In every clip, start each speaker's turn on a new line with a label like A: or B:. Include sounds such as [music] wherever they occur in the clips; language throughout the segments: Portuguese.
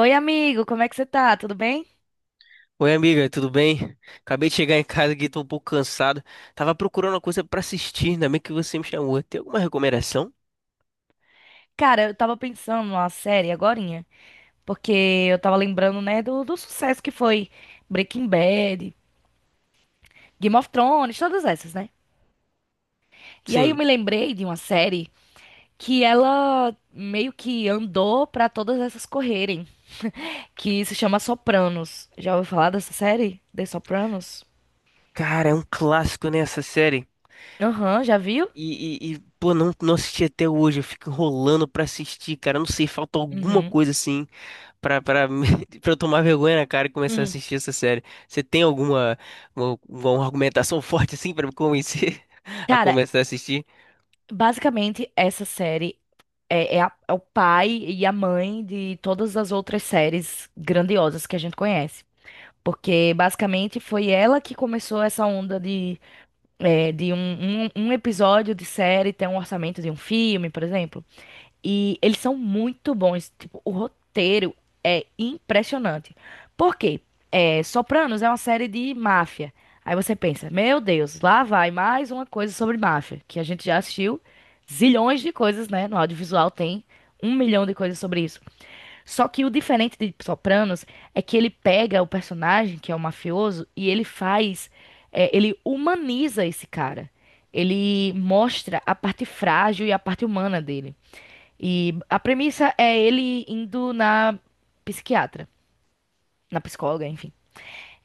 A: Oi, amigo, como é que você tá? Tudo bem?
B: Oi, amiga, tudo bem? Acabei de chegar em casa aqui, tô um pouco cansado. Tava procurando uma coisa pra assistir, ainda bem que você me chamou. Tem alguma recomendação?
A: Cara, eu tava pensando numa série agorinha, porque eu tava lembrando, né, do sucesso que foi Breaking Bad, Game of Thrones, todas essas, né? E aí eu
B: Sim.
A: me lembrei de uma série que ela meio que andou pra todas essas correrem, que se chama Sopranos. Já ouviu falar dessa série? The Sopranos?
B: Cara, é um clássico, né, essa série.
A: Aham, já viu?
B: Pô, não assisti até hoje, eu fico enrolando pra assistir, cara. Eu não sei, falta alguma
A: Uhum. [laughs]
B: coisa assim pra, pra, me- [laughs] pra eu tomar vergonha na cara e começar a
A: Uhum.
B: assistir essa série. Você tem uma argumentação [laughs] forte assim pra me convencer [laughs] a
A: Cara,
B: começar a assistir?
A: basicamente essa série é o pai e a mãe de todas as outras séries grandiosas que a gente conhece. Porque basicamente foi ela que começou essa onda de, de um episódio de série ter um orçamento de um filme, por exemplo. E eles são muito bons. Tipo, o roteiro é impressionante. Por quê? É, Sopranos é uma série de máfia. Aí você pensa, meu Deus, lá vai mais uma coisa sobre máfia, que a gente já assistiu zilhões de coisas, né? No audiovisual tem um milhão de coisas sobre isso. Só que o diferente de Sopranos é que ele pega o personagem, que é o mafioso, e ele faz, ele humaniza esse cara. Ele mostra a parte frágil e a parte humana dele. E a premissa é ele indo na psiquiatra, na psicóloga, enfim. [laughs]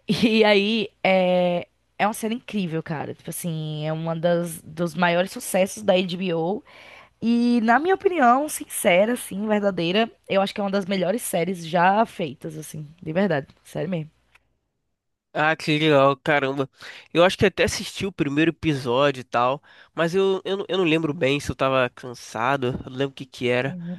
A: E aí é, é uma cena incrível, cara. Tipo assim, é uma das dos maiores sucessos da HBO. E na minha opinião, sincera, assim, verdadeira, eu acho que é uma das melhores séries já feitas, assim, de verdade, sério mesmo.
B: Ah, que legal, caramba. Eu acho que até assisti o primeiro episódio e tal, mas eu não lembro bem se eu tava cansado, eu não lembro o que que era,
A: Uhum.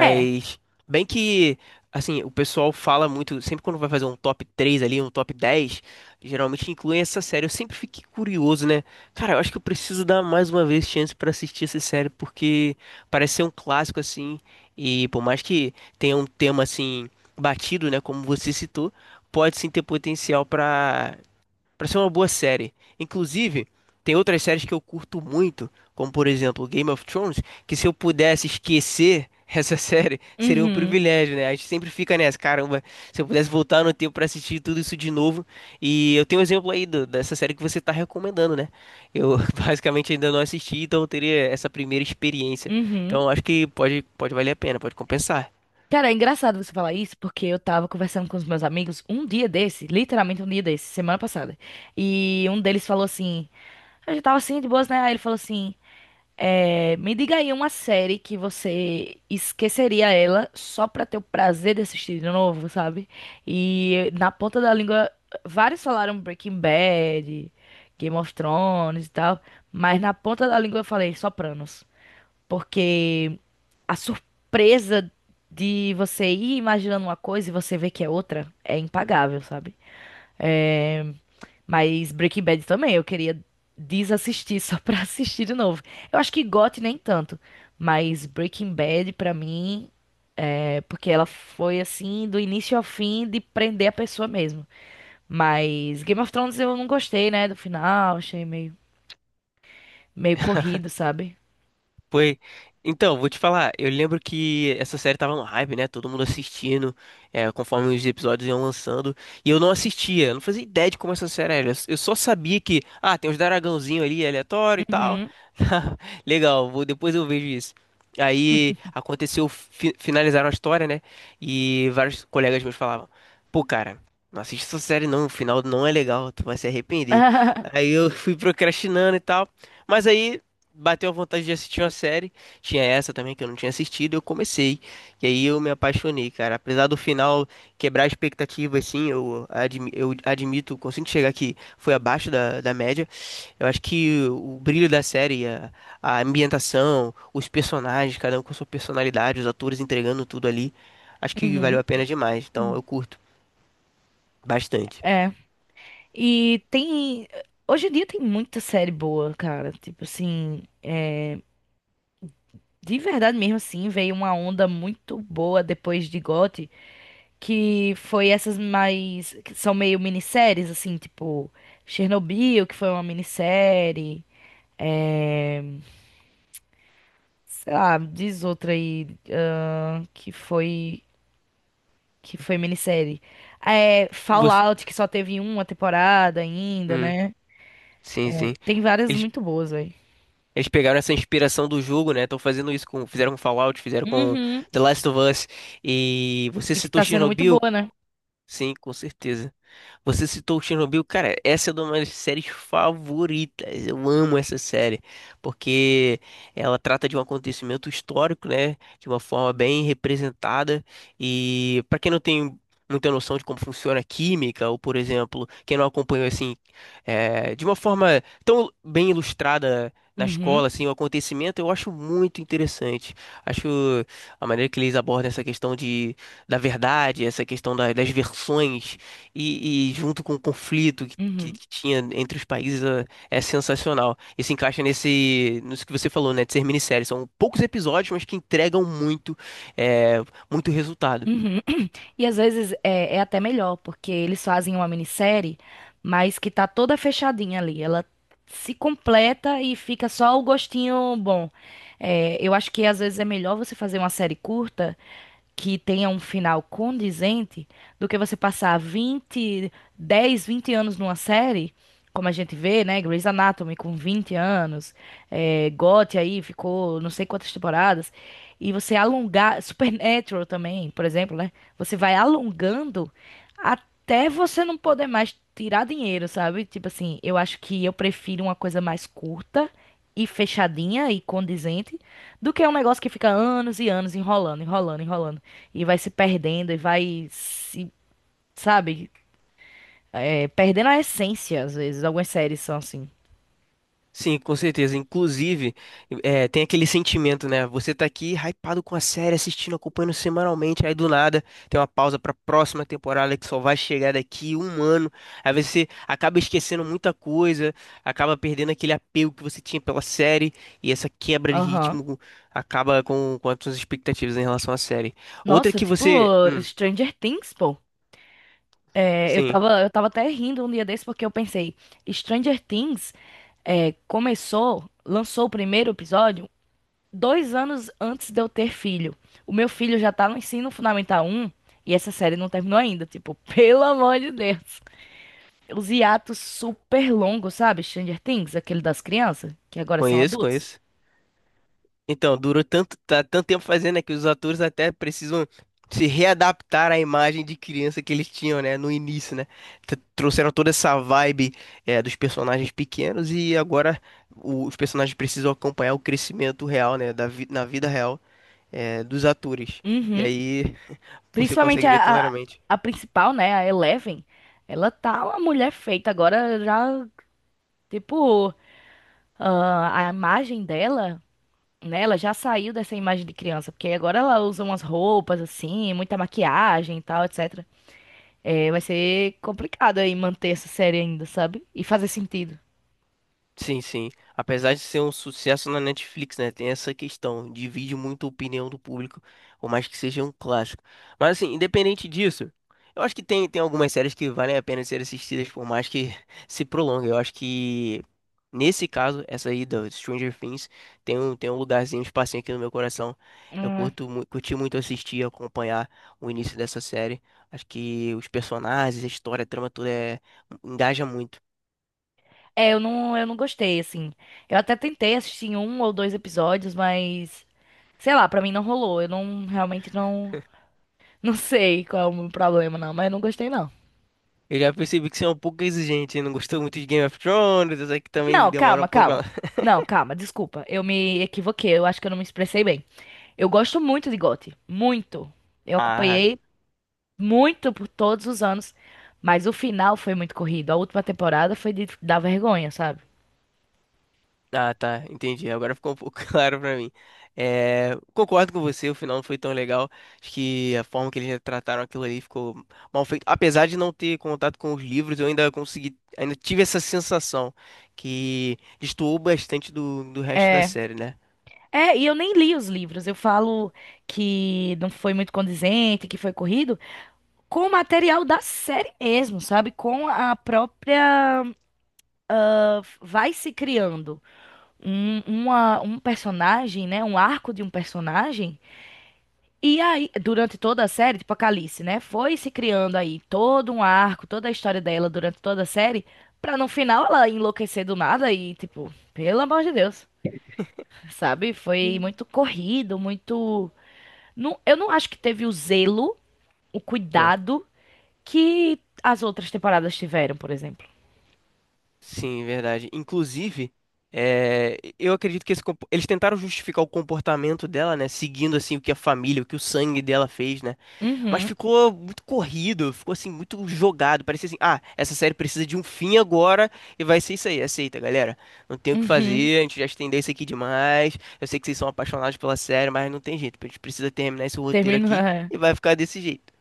A: É.
B: bem que, assim, o pessoal fala muito, sempre quando vai fazer um top 3 ali, um top 10, geralmente incluem essa série. Eu sempre fiquei curioso, né? Cara, eu acho que eu preciso dar mais uma vez chance pra assistir essa série, porque parece ser um clássico, assim, e por mais que tenha um tema, assim, batido, né, como você citou, pode sim ter potencial para ser uma boa série. Inclusive, tem outras séries que eu curto muito, como por exemplo Game of Thrones, que se eu pudesse esquecer essa [laughs] série, seria um
A: Uhum.
B: privilégio, né? A gente sempre fica nessa, caramba, se eu pudesse voltar no tempo para assistir tudo isso de novo. E eu tenho um exemplo aí dessa série que você tá recomendando, né? Eu [laughs] basicamente ainda não assisti, então eu teria essa primeira experiência.
A: Uhum.
B: Então acho que pode valer a pena, pode compensar.
A: Cara, é engraçado você falar isso, porque eu tava conversando com os meus amigos um dia desse, literalmente um dia desse, semana passada. E um deles falou assim: eu já tava assim, de boas, né? Aí ele falou assim: me diga aí uma série que você esqueceria ela só pra ter o prazer de assistir de novo, sabe? E na ponta da língua, vários falaram Breaking Bad, Game of Thrones e tal, mas na ponta da língua eu falei Sopranos, porque a surpresa de você ir imaginando uma coisa e você ver que é outra é impagável, sabe? É, mas Breaking Bad também, eu queria desassistir só pra [laughs] assistir de novo. Eu acho que GOT nem tanto, mas Breaking Bad pra mim é porque ela foi assim do início ao fim de prender a pessoa mesmo. Mas Game of Thrones eu não gostei, né, do final, achei meio corrido, sabe?
B: Foi. Então, vou te falar, eu lembro que essa série tava no hype, né? Todo mundo assistindo, conforme os episódios iam lançando. E eu não assistia, eu não fazia ideia de como essa série era. Eu só sabia que, ah, tem uns dragãozinhos ali aleatório e tal.
A: Uhum.
B: [laughs] Legal, vou, depois eu vejo isso. Aí aconteceu, finalizaram a história, né? E vários colegas meus falavam: pô, cara, não assiste essa série não, o final não é legal, tu vai se arrepender.
A: [laughs]
B: Aí eu fui procrastinando e tal. Mas aí bateu a vontade de assistir uma série. Tinha essa também que eu não tinha assistido, eu comecei. E aí eu me apaixonei, cara. Apesar do final quebrar a expectativa, assim, eu, eu admito, consigo chegar que foi abaixo da média. Eu acho que o brilho da série, a ambientação, os personagens, cada um com sua personalidade, os atores entregando tudo ali, acho que valeu
A: Uhum.
B: a pena demais. Então
A: Uhum.
B: eu curto bastante.
A: É. E tem hoje em dia tem muita série boa, cara, tipo assim, de verdade mesmo, assim, veio uma onda muito boa depois de GOT, que foi essas mais, que são meio minisséries, assim, tipo Chernobyl, que foi uma minissérie, sei lá, diz outra aí, ahn, que foi, que foi minissérie. É,
B: Você...
A: Fallout, que só teve uma temporada ainda,
B: Hum,
A: né?
B: sim, sim.
A: Tem várias
B: Eles
A: muito boas, velho.
B: Eles pegaram essa inspiração do jogo, né? Estão fazendo isso com, fizeram com Fallout, fizeram com
A: Uhum.
B: The Last of Us. E você
A: E que
B: citou
A: tá sendo muito
B: Chernobyl?
A: boa, né?
B: Sim, com certeza. Você citou Chernobyl, cara, essa é uma das minhas séries favoritas. Eu amo essa série, porque ela trata de um acontecimento histórico, né? De uma forma bem representada. E pra quem não tem muita noção de como funciona a química, ou por exemplo, quem não acompanhou assim, de uma forma tão bem ilustrada na
A: Uhum.
B: escola, assim, o acontecimento, eu acho muito interessante. Acho a maneira que eles abordam essa questão de, da verdade, essa questão das versões e junto com o conflito
A: Uhum.
B: que tinha entre os países é sensacional. E se encaixa nesse, nisso que você falou, né, de ser minissérie. São poucos episódios, mas que entregam muito, é, muito resultado.
A: Uhum. [clears throat] E às vezes é até melhor, porque eles fazem uma minissérie, mas que tá toda fechadinha ali. Ela se completa e fica só o gostinho bom. É, eu acho que às vezes é melhor você fazer uma série curta que tenha um final condizente do que você passar 20, 10, 20 anos numa série, como a gente vê, né? Grey's Anatomy com 20 anos, GOT aí ficou não sei quantas temporadas, e você alongar, Supernatural também, por exemplo, né? Você vai alongando até você não poder mais tirar dinheiro, sabe? Tipo assim, eu acho que eu prefiro uma coisa mais curta e fechadinha e condizente do que um negócio que fica anos e anos enrolando, enrolando, enrolando e vai se perdendo e vai se, sabe, perdendo a essência às vezes. Algumas séries são assim.
B: Sim, com certeza. Inclusive, tem aquele sentimento, né? Você tá aqui hypado com a série, assistindo, acompanhando semanalmente, aí do nada tem uma pausa pra próxima temporada que só vai chegar daqui um ano. Aí você acaba esquecendo muita coisa, acaba perdendo aquele apego que você tinha pela série, e essa quebra de
A: Aham.
B: ritmo acaba com as suas expectativas em relação à série. Outra
A: Nossa,
B: que
A: tipo
B: você.
A: Stranger Things, pô.
B: Sim,
A: Eu tava até rindo um dia desse porque eu pensei, Stranger Things começou, lançou o primeiro episódio 2 anos antes de eu ter filho. O meu filho já tá no ensino fundamental 1 e essa série não terminou ainda. Tipo, [laughs] pelo amor de Deus. Os hiatos super longos, sabe? Stranger Things, aquele das crianças, que agora são
B: conheço,
A: adultos.
B: conheço. Então, tanto tempo fazendo, né, que os atores até precisam se readaptar à imagem de criança que eles tinham, né, no início, né? Trouxeram toda essa vibe, dos personagens pequenos e agora os personagens precisam acompanhar o crescimento real, né, na vida real, dos atores. E
A: Uhum.
B: aí você
A: Principalmente
B: consegue ver claramente.
A: a principal, né? A Eleven. Ela tá uma mulher feita agora, já, tipo. Ah, a imagem dela, né? Ela já saiu dessa imagem de criança, porque agora ela usa umas roupas assim, muita maquiagem e tal, etc. É, vai ser complicado aí manter essa série ainda, sabe? E fazer sentido.
B: Sim, sim. Apesar de ser um sucesso na Netflix, né? Tem essa questão. Divide muito a opinião do público, por mais que seja um clássico. Mas, assim, independente disso, eu acho que tem algumas séries que valem a pena ser assistidas, por mais que [laughs] se prolongue. Eu acho que, nesse caso, essa aí do Stranger Things tem tem um lugarzinho, um espacinho aqui no meu coração. Eu
A: Hum.
B: curto, curti muito assistir, acompanhar o início dessa série. Acho que os personagens, a história, a trama, tudo é, engaja muito.
A: Eu não gostei, assim. Eu até tentei assistir um ou dois episódios, mas sei lá, pra mim não rolou. Eu não realmente não, [laughs] não sei qual é o meu problema, não, mas eu não gostei, não.
B: Eu já percebi que você é um pouco exigente, hein? Não gostou muito de Game of Thrones, eu sei que também
A: Não,
B: demora um
A: calma,
B: pouco.
A: calma.
B: [laughs]
A: Não, calma, desculpa. Eu me equivoquei. Eu acho que eu não me expressei bem. Eu gosto muito de GOT, muito. Eu
B: Ah,
A: acompanhei muito por todos os anos, mas o final foi muito corrido. A última temporada foi de dar vergonha, sabe?
B: ah, tá, entendi. Agora ficou um pouco [laughs] claro pra mim. É, concordo com você, o final não foi tão legal. Acho que a forma que eles trataram aquilo ali ficou mal feito. Apesar de não ter contato com os livros, eu ainda consegui, ainda tive essa sensação que destoou bastante do resto da
A: É.
B: série, né?
A: É, e eu nem li os livros. Eu falo que não foi muito condizente, que foi corrido, com o material da série mesmo, sabe? Com a própria. Ah, vai se criando um personagem, né? Um arco de um personagem. E aí, durante toda a série, tipo a Calice, né? Foi se criando aí todo um arco, toda a história dela durante toda a série, pra no final ela enlouquecer do nada e, tipo, pelo amor de Deus, sabe? Foi muito corrido, muito. Não, eu não acho que teve o zelo, o cuidado que as outras temporadas tiveram, por exemplo.
B: Sim, verdade. Inclusive, eu acredito que esse eles tentaram justificar o comportamento dela, né? Seguindo assim o que a família, o que o sangue dela fez, né? Mas
A: Uhum,
B: ficou muito corrido, ficou assim muito jogado. Parecia assim, ah, essa série precisa de um fim agora e vai ser isso aí. Aceita, galera. Não tem o que
A: uhum.
B: fazer. A gente já estendeu isso aqui demais. Eu sei que vocês são apaixonados pela série, mas não tem jeito. A gente precisa terminar esse roteiro
A: Termina.
B: aqui
A: É.
B: e vai ficar desse jeito.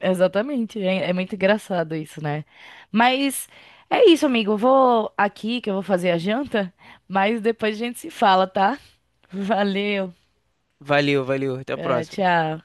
A: Exatamente, é muito engraçado isso, né? Mas é isso, amigo. Eu vou aqui que eu vou fazer a janta, mas depois a gente se fala, tá? [laughs] Valeu.
B: Valeu, valeu. Até a
A: É,
B: próxima.
A: tchau.